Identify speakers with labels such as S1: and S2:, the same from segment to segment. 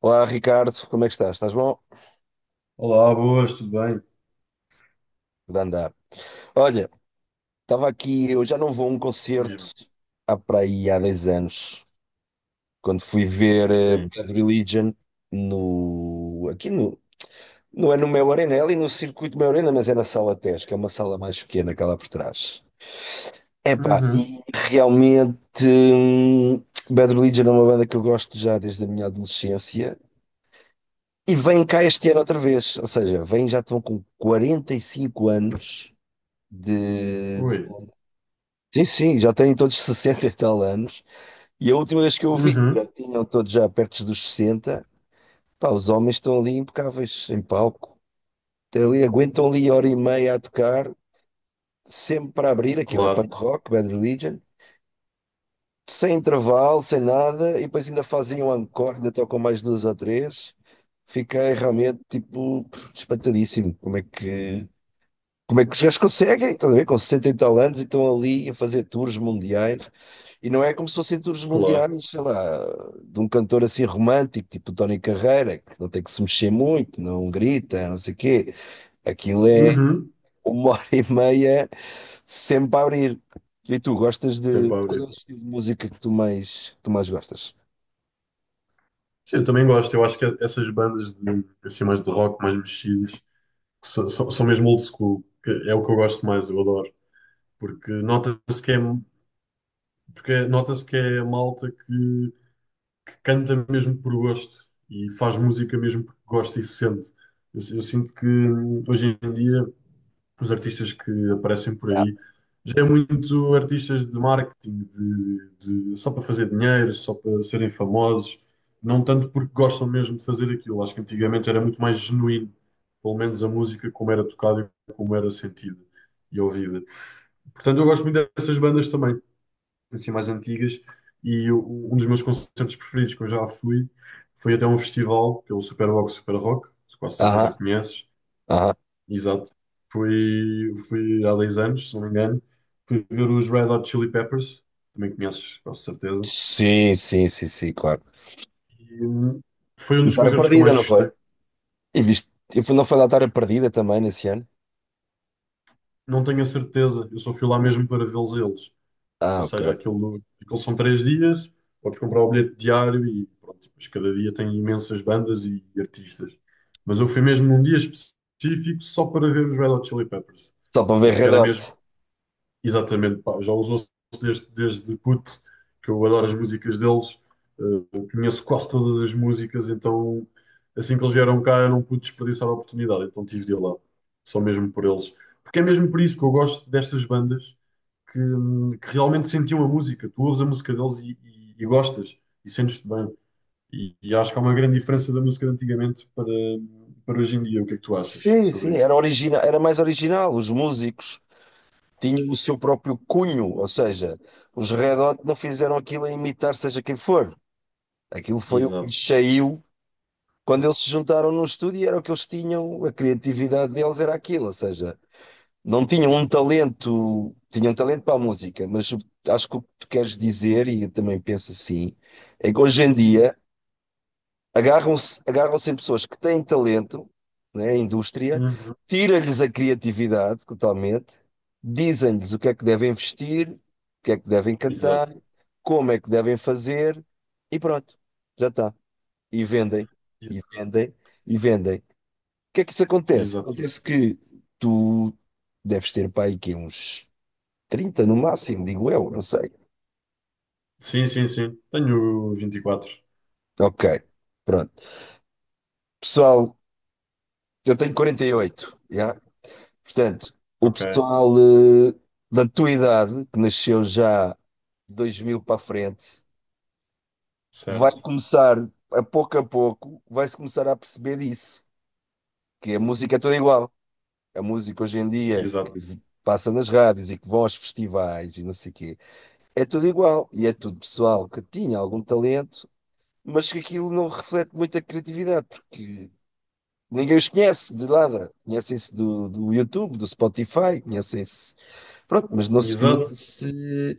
S1: Olá Ricardo, como é que estás? Estás bom?
S2: Olá, boas, tudo bem?
S1: De andar. Olha, estava aqui, eu já não vou a um
S2: Diz-me.
S1: concerto há para aí há 10 anos, quando fui ver
S2: Sim.
S1: Bad Religion no, aqui no, não é no Mel Arena, é ali no circuito Mel Arena, mas é na sala TES, que é uma sala mais pequena que há lá por trás. Epá,
S2: Uhum.
S1: e realmente Bad Religion é uma banda que eu gosto já desde a minha adolescência e vem cá este ano outra vez, ou seja, vem já estão com 45 anos de.
S2: Ui.
S1: Sim, sim, já têm todos 60 e tal anos. E a última vez que eu vi,
S2: Uhum.
S1: já tinham todos já perto dos 60. Pá, os homens estão ali impecáveis em palco. Até ali, aguentam ali hora e meia a tocar, sempre para abrir. Aquilo é
S2: Claro,
S1: punk rock, Bad Religion. Sem intervalo, sem nada. E depois ainda fazem um encore, ainda tocam mais duas ou três. Fiquei realmente, tipo, espantadíssimo. Como é que os gajos conseguem? Estás a ver? Com 60 e tal anos e estão ali a fazer tours mundiais. E não é como se fossem tours
S2: claro.
S1: mundiais, sei lá, de um cantor assim romântico, tipo Tony Carreira, que não tem que se mexer muito, não grita, não sei o quê. Aquilo é
S2: Uhum.
S1: uma hora e meia sempre a abrir. E tu gostas de.
S2: Sempre a
S1: Qual é
S2: abrir.
S1: o estilo de música que tu mais gostas?
S2: Sim, eu também gosto. Eu acho que essas assim, mais de rock, mais mexidas, que são mesmo old school, que é o que eu gosto mais, eu adoro. Porque nota-se que é, porque nota-se que é a malta que canta mesmo por gosto e faz música mesmo porque gosta e se sente. Eu sinto que hoje em dia os artistas que aparecem por
S1: Ah,
S2: aí já é muito artistas de marketing, só para fazer dinheiro, só para serem famosos, não tanto porque gostam mesmo de fazer aquilo. Acho que antigamente era muito mais genuíno, pelo menos a música como era tocada e como era sentida e ouvida. Portanto, eu gosto muito dessas bandas também, assim mais antigas, e um dos meus concertos preferidos que eu já fui foi até um festival, que é o Superbox Super Rock, com quase certeza que
S1: aham,
S2: conheces.
S1: aham.
S2: Exato. Fui, fui há 10 anos, se não me engano, fui ver os Red Hot Chili Peppers, também conheces, com certeza.
S1: Sim, sim, sim, sim, claro.
S2: E, hum, Foi um
S1: E
S2: dos
S1: Vitória
S2: concertos que eu
S1: Perdida,
S2: mais
S1: não foi?
S2: gostei.
S1: E viste? Eu fui, não foi da Vitória Perdida também nesse ano?
S2: Não tenho a certeza, eu só fui lá mesmo para vê-los a eles. Ou
S1: Ah, ok.
S2: seja, aquilo são três dias, podes comprar o bilhete diário e pronto, mas cada dia tem imensas bandas e artistas. Mas eu fui mesmo num dia específico só para ver os Red Hot Chili Peppers,
S1: Só para ver
S2: porque
S1: Red
S2: era
S1: Hot.
S2: mesmo. Exatamente, pá, já usou-se desde puto, que eu adoro as músicas deles, conheço quase todas as músicas, então assim que eles vieram cá eu não pude desperdiçar a oportunidade, então tive de ir lá, só mesmo por eles. Porque é mesmo por isso que eu gosto destas bandas que realmente sentiam a música, tu ouves a música deles e gostas, e sentes-te bem. E acho que há uma grande diferença da música de antigamente para hoje em dia. O que é que tu achas
S1: Sim,
S2: sobre
S1: sim,
S2: isso?
S1: era original, era mais original, os músicos, tinha o seu próprio cunho, ou seja, os Red Hot não fizeram aquilo a imitar seja quem for. Aquilo foi o que
S2: Exato.
S1: lhes saiu quando eles se juntaram num estúdio e era o que eles tinham, a criatividade deles era aquilo, ou seja, não tinham um talento, tinham talento para a música, acho que o que tu queres dizer, e eu também penso assim, é que hoje em dia agarram-se em pessoas que têm talento, né, a indústria,
S2: Uhum.
S1: tira-lhes a criatividade totalmente, dizem-lhes o que é que devem vestir, o que é que devem cantar,
S2: Exato.
S1: como é que devem fazer, e pronto, já está. E vendem,
S2: Ex-
S1: e vendem, e vendem. O que é que isso acontece?
S2: Exato.
S1: Acontece que tu deves ter para aí que uns 30 no máximo, digo eu, não sei.
S2: Sim, sim, sim. Tenho vinte e quatro.
S1: Ok, pronto. Pessoal, eu tenho 48 já? Portanto, o
S2: Ok,
S1: pessoal da tua idade, que nasceu já de 2000 para a frente, vai
S2: certo.
S1: começar, a pouco, vai-se começar a perceber disso, que a música é toda igual. A música hoje em dia,
S2: Exato.
S1: passa nas rádios e que vão aos festivais e não sei o quê, é tudo igual. E é tudo pessoal que tinha algum talento, mas que aquilo não reflete muita criatividade, porque ninguém os conhece de nada. Conhecem-se do YouTube, do Spotify, conhecem-se. Pronto, mas não se
S2: Exato.
S1: conhece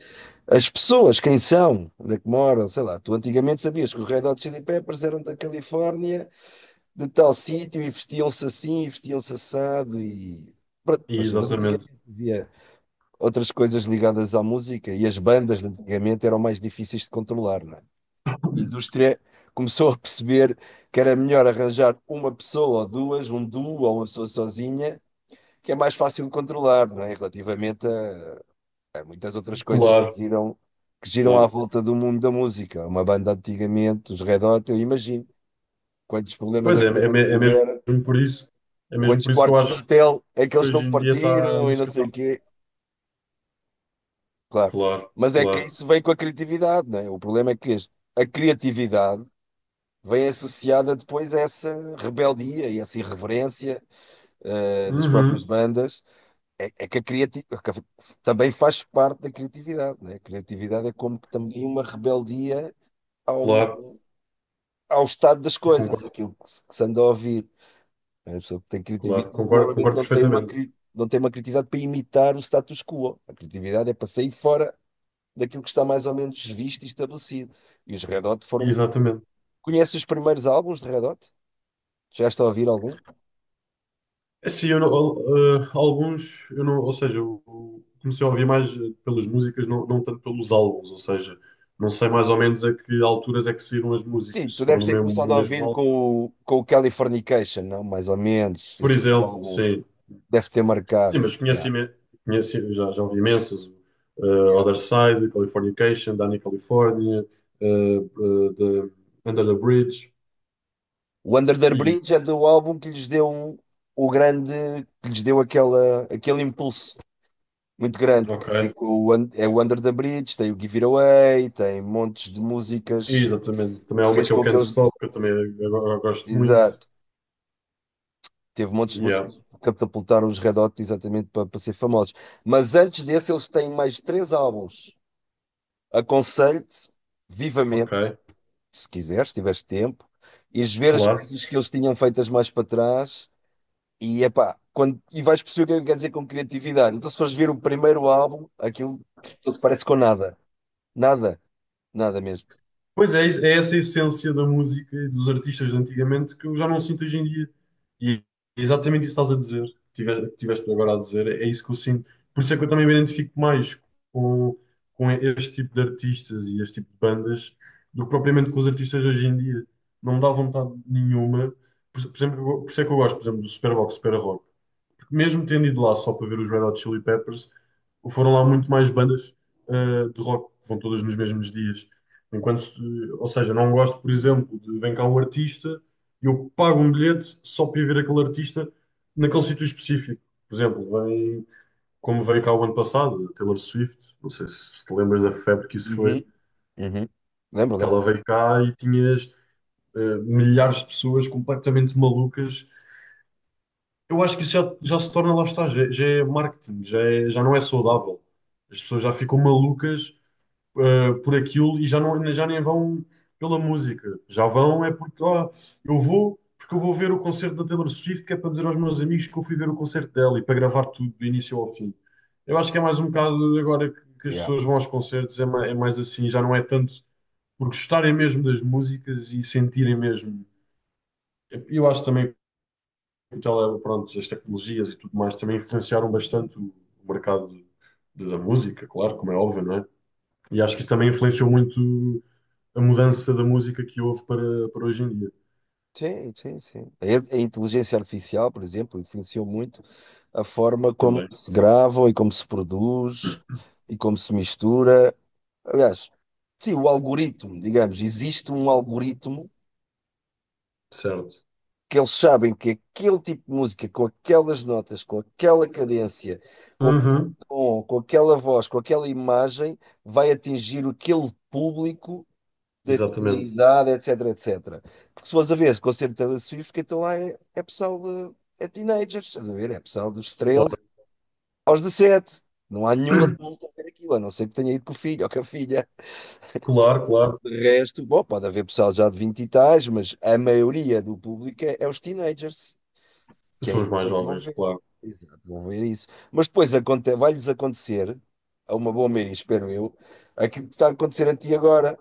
S1: as pessoas, quem são, onde é que moram, sei lá. Tu antigamente sabias que os Red Hot Chili Peppers eram da Califórnia, de tal sítio, e vestiam-se assim, e vestiam-se assado, e... Pronto, mas
S2: Exatamente.
S1: antigamente havia outras coisas ligadas à música, e as bandas de antigamente eram mais difíceis de controlar, não é? A indústria começou a perceber que era melhor arranjar uma pessoa ou duas, um duo ou uma pessoa sozinha, que é mais fácil de controlar, não é? Relativamente a muitas outras coisas que
S2: Claro,
S1: giram, que giram à
S2: claro.
S1: volta do mundo da música. Uma banda antigamente, os Red Hot, eu imagino quantos problemas
S2: Pois é,
S1: aquilo
S2: é mesmo
S1: tiver,
S2: por isso, é mesmo
S1: quantos
S2: por isso que eu
S1: quartos de
S2: acho
S1: hotel é que
S2: que
S1: eles
S2: hoje
S1: não
S2: em dia, a
S1: partiram e não
S2: música
S1: sei
S2: está.
S1: o quê. Claro.
S2: Claro,
S1: Mas é que
S2: claro.
S1: isso vem com a criatividade, não é? O problema é que a criatividade vem associada depois a essa rebeldia e essa irreverência das próprias
S2: Uhum,
S1: bandas. É que a criatividade também faz parte da criatividade, não é? A criatividade é como que também uma rebeldia
S2: claro.
S1: ao estado das coisas,
S2: Concordo,
S1: aquilo que se anda a ouvir. A pessoa que tem criatividade
S2: claro. Concordo,
S1: normalmente
S2: concordo
S1: não tem uma,
S2: perfeitamente.
S1: cri- não tem uma criatividade para imitar o status quo. A criatividade é para sair fora daquilo que está mais ou menos visto e estabelecido. E os Red Hot foram.
S2: Exatamente.
S1: Conheces os primeiros álbuns de Red Hot? Chegaste a ouvir algum?
S2: Sim, eu não- al- eh, alguns, eu não, ou seja, eu comecei a ouvir mais pelas músicas, não, não tanto pelos álbuns, ou seja, não sei mais ou menos a que alturas é que saíram as
S1: Sim,
S2: músicas, se
S1: tu
S2: foram
S1: deves
S2: no
S1: ter
S2: mesmo, no
S1: começado a
S2: mesmo
S1: ouvir
S2: álbum,
S1: com o Californication, não? Mais ou menos.
S2: por
S1: Esse foi o
S2: exemplo,
S1: álbum que
S2: sim,
S1: deve ter
S2: sim,
S1: marcado.
S2: mas
S1: Yeah.
S2: conheci já, já ouvi imensas,
S1: Yeah.
S2: Other Side, Californication, Danny California, eh, eh, the- Under the Bridge,
S1: O Under the
S2: e,
S1: Bridge é do álbum que lhes deu um, o grande, que lhes deu aquela, aquele impulso muito grande, que
S2: ok,
S1: tem o, é o Under the Bridge, tem o Give It Away, tem montes de músicas
S2: exatamente, também
S1: que
S2: há uma
S1: fez
S2: que é o
S1: com que
S2: Can't
S1: eles.
S2: Stop, que eu também agora gosto muito,
S1: Exato. Teve montes de
S2: yeah,
S1: músicas que catapultaram os Red Hot exatamente para ser famosos. Mas antes desse, eles têm mais três álbuns. Aconselho-te vivamente,
S2: ok,
S1: se quiseres, se tiveres tempo, ires ver as
S2: claro.
S1: coisas que eles tinham feitas mais para trás. E, epá, quando, e vais perceber o que é que quer dizer com criatividade. Então, se fores ver o primeiro álbum, aquilo não se parece com nada. Nada, nada mesmo.
S2: Pois é, é essa a essência da música e dos artistas de antigamente que eu já não sinto hoje em dia. E é exatamente isso que estás a dizer, que tiveste agora a dizer, é isso que eu sinto. Por isso é que eu também me identifico mais com, com este tipo de artistas e este tipo de bandas do que propriamente com os artistas de hoje em dia. Não me dá vontade nenhuma. Por exemplo, por isso é que eu gosto, por exemplo, do Superbox, Super Rock, mesmo tendo ido lá só para ver os Red Hot Chili Peppers, foram lá muito mais bandas de rock, que vão todas nos mesmos dias. Enquanto, ou seja, não gosto, por exemplo, de vem cá um artista e eu pago um bilhete só para ir ver aquele artista naquele sítio específico. Por exemplo, vem, como veio cá o ano passado, a Taylor Swift, não sei se te lembras da febre que isso foi,
S1: Uhum, uhum. Lembro,
S2: que ela
S1: lembro.
S2: veio cá e tinhas milhares de pessoas completamente malucas. Eu acho que isso já se torna, lá está, já, já é marketing, já não é saudável. As pessoas já ficam malucas, por aquilo e já, não, já nem vão pela música. Já vão é porque, ah, eu vou, porque eu vou ver o concerto da Taylor Swift, que é para dizer aos meus amigos que eu fui ver o concerto dela e para gravar tudo do início ao fim. Eu acho que é mais um bocado agora que as
S1: Yeah.
S2: pessoas vão aos concertos, é mais assim, já não é tanto por gostarem mesmo das músicas e sentirem mesmo. Eu acho também ela, pronto, as tecnologias e tudo mais também influenciaram bastante o mercado da música, claro, como é óbvio, não é? E acho que isso também influenciou muito a mudança da música que houve para hoje em dia
S1: Sim, sim, sim. A inteligência artificial, por exemplo, influenciou muito a forma como
S2: também.
S1: se gravam e como se produz e como se mistura. Aliás, sim, o algoritmo, digamos, existe um algoritmo
S2: Certo.
S1: que eles sabem que aquele tipo de música, com aquelas notas, com aquela cadência, com aquele
S2: Uhum,
S1: tom, com aquela voz, com aquela imagem, vai atingir aquele público daquela
S2: exatamente.
S1: idade, etc, etc. Porque se fores a ver esse concerto de Taylor Swift, que então lá é, é pessoal de, é teenagers, estás a ver? É pessoal dos 13
S2: Claro,
S1: aos 17. Não há nenhum adulto a ver aquilo, a não ser que tenha ido com o filho ou com a filha.
S2: claro, claro.
S1: De resto, bom, pode haver pessoal já de 20 e tais, mas a maioria do público é, é os teenagers. Que
S2: São
S1: é
S2: os
S1: isso
S2: mais
S1: é que vão
S2: jovens,
S1: ver.
S2: claro.
S1: Exato, vão ver isso. Mas depois vai-lhes acontecer, a uma boa maioria, espero eu, aquilo que está a acontecer a ti agora.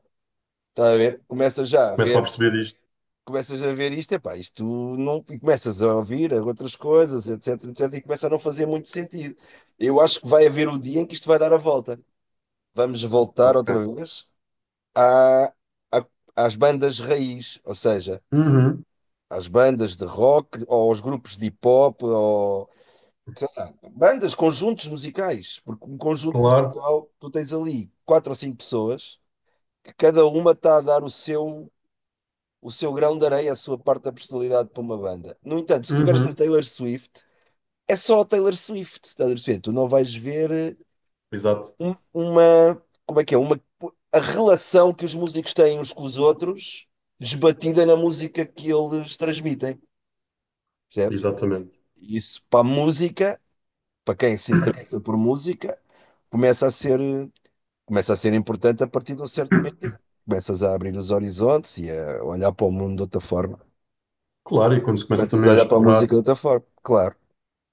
S1: Está a ver? Começas já a
S2: Começam a
S1: ver,
S2: perceber isto.
S1: começas a ver isto, epá, isto não. E começas a ouvir outras coisas, etc, etc, e começa a não fazer muito sentido. Eu acho que vai haver o dia em que isto vai dar a volta. Vamos voltar outra
S2: Ok.
S1: vez à- à- às bandas raiz, ou seja,
S2: Uhum,
S1: às bandas de rock, ou aos grupos de hip hop, bandas, conjuntos musicais, porque um conjunto
S2: claro.
S1: musical, tu tens ali quatro ou cinco pessoas que cada uma está a dar o seu grão de areia, a sua parte da personalidade para uma banda. No entanto, se estiveres na
S2: Uhum,
S1: Taylor Swift, é só a Taylor Swift, estás a perceber? Tu não vais ver
S2: exato,
S1: uma, como é que é? Uma, a relação que os músicos têm uns com os outros esbatida na música que eles transmitem, percebes?
S2: exatamente.
S1: E isso para a música, para quem se interessa por música, começa a ser eh, começa a ser importante a partir de um certo momento em que começas a abrir os horizontes e a olhar para o mundo de outra forma.
S2: Claro, e quando se começa
S1: Começas a
S2: também a
S1: olhar para a
S2: explorar,
S1: música de outra forma, claro.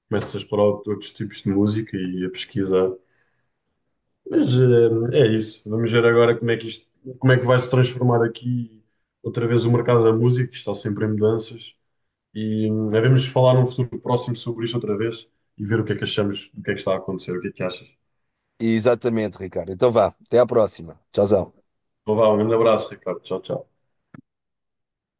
S2: começa a explorar outros tipos de música e a pesquisar. Mas é isso. Vamos ver agora como é que como é que vai se transformar aqui outra vez o mercado da música, que está sempre em mudanças. E devemos falar num futuro próximo sobre isto outra vez e ver o que é que achamos, o que é que está a acontecer, o que é que achas.
S1: E exatamente, Ricardo. Então vá, até à próxima. Tchauzão.
S2: Então vá, um grande abraço, Ricardo. Tchau, tchau.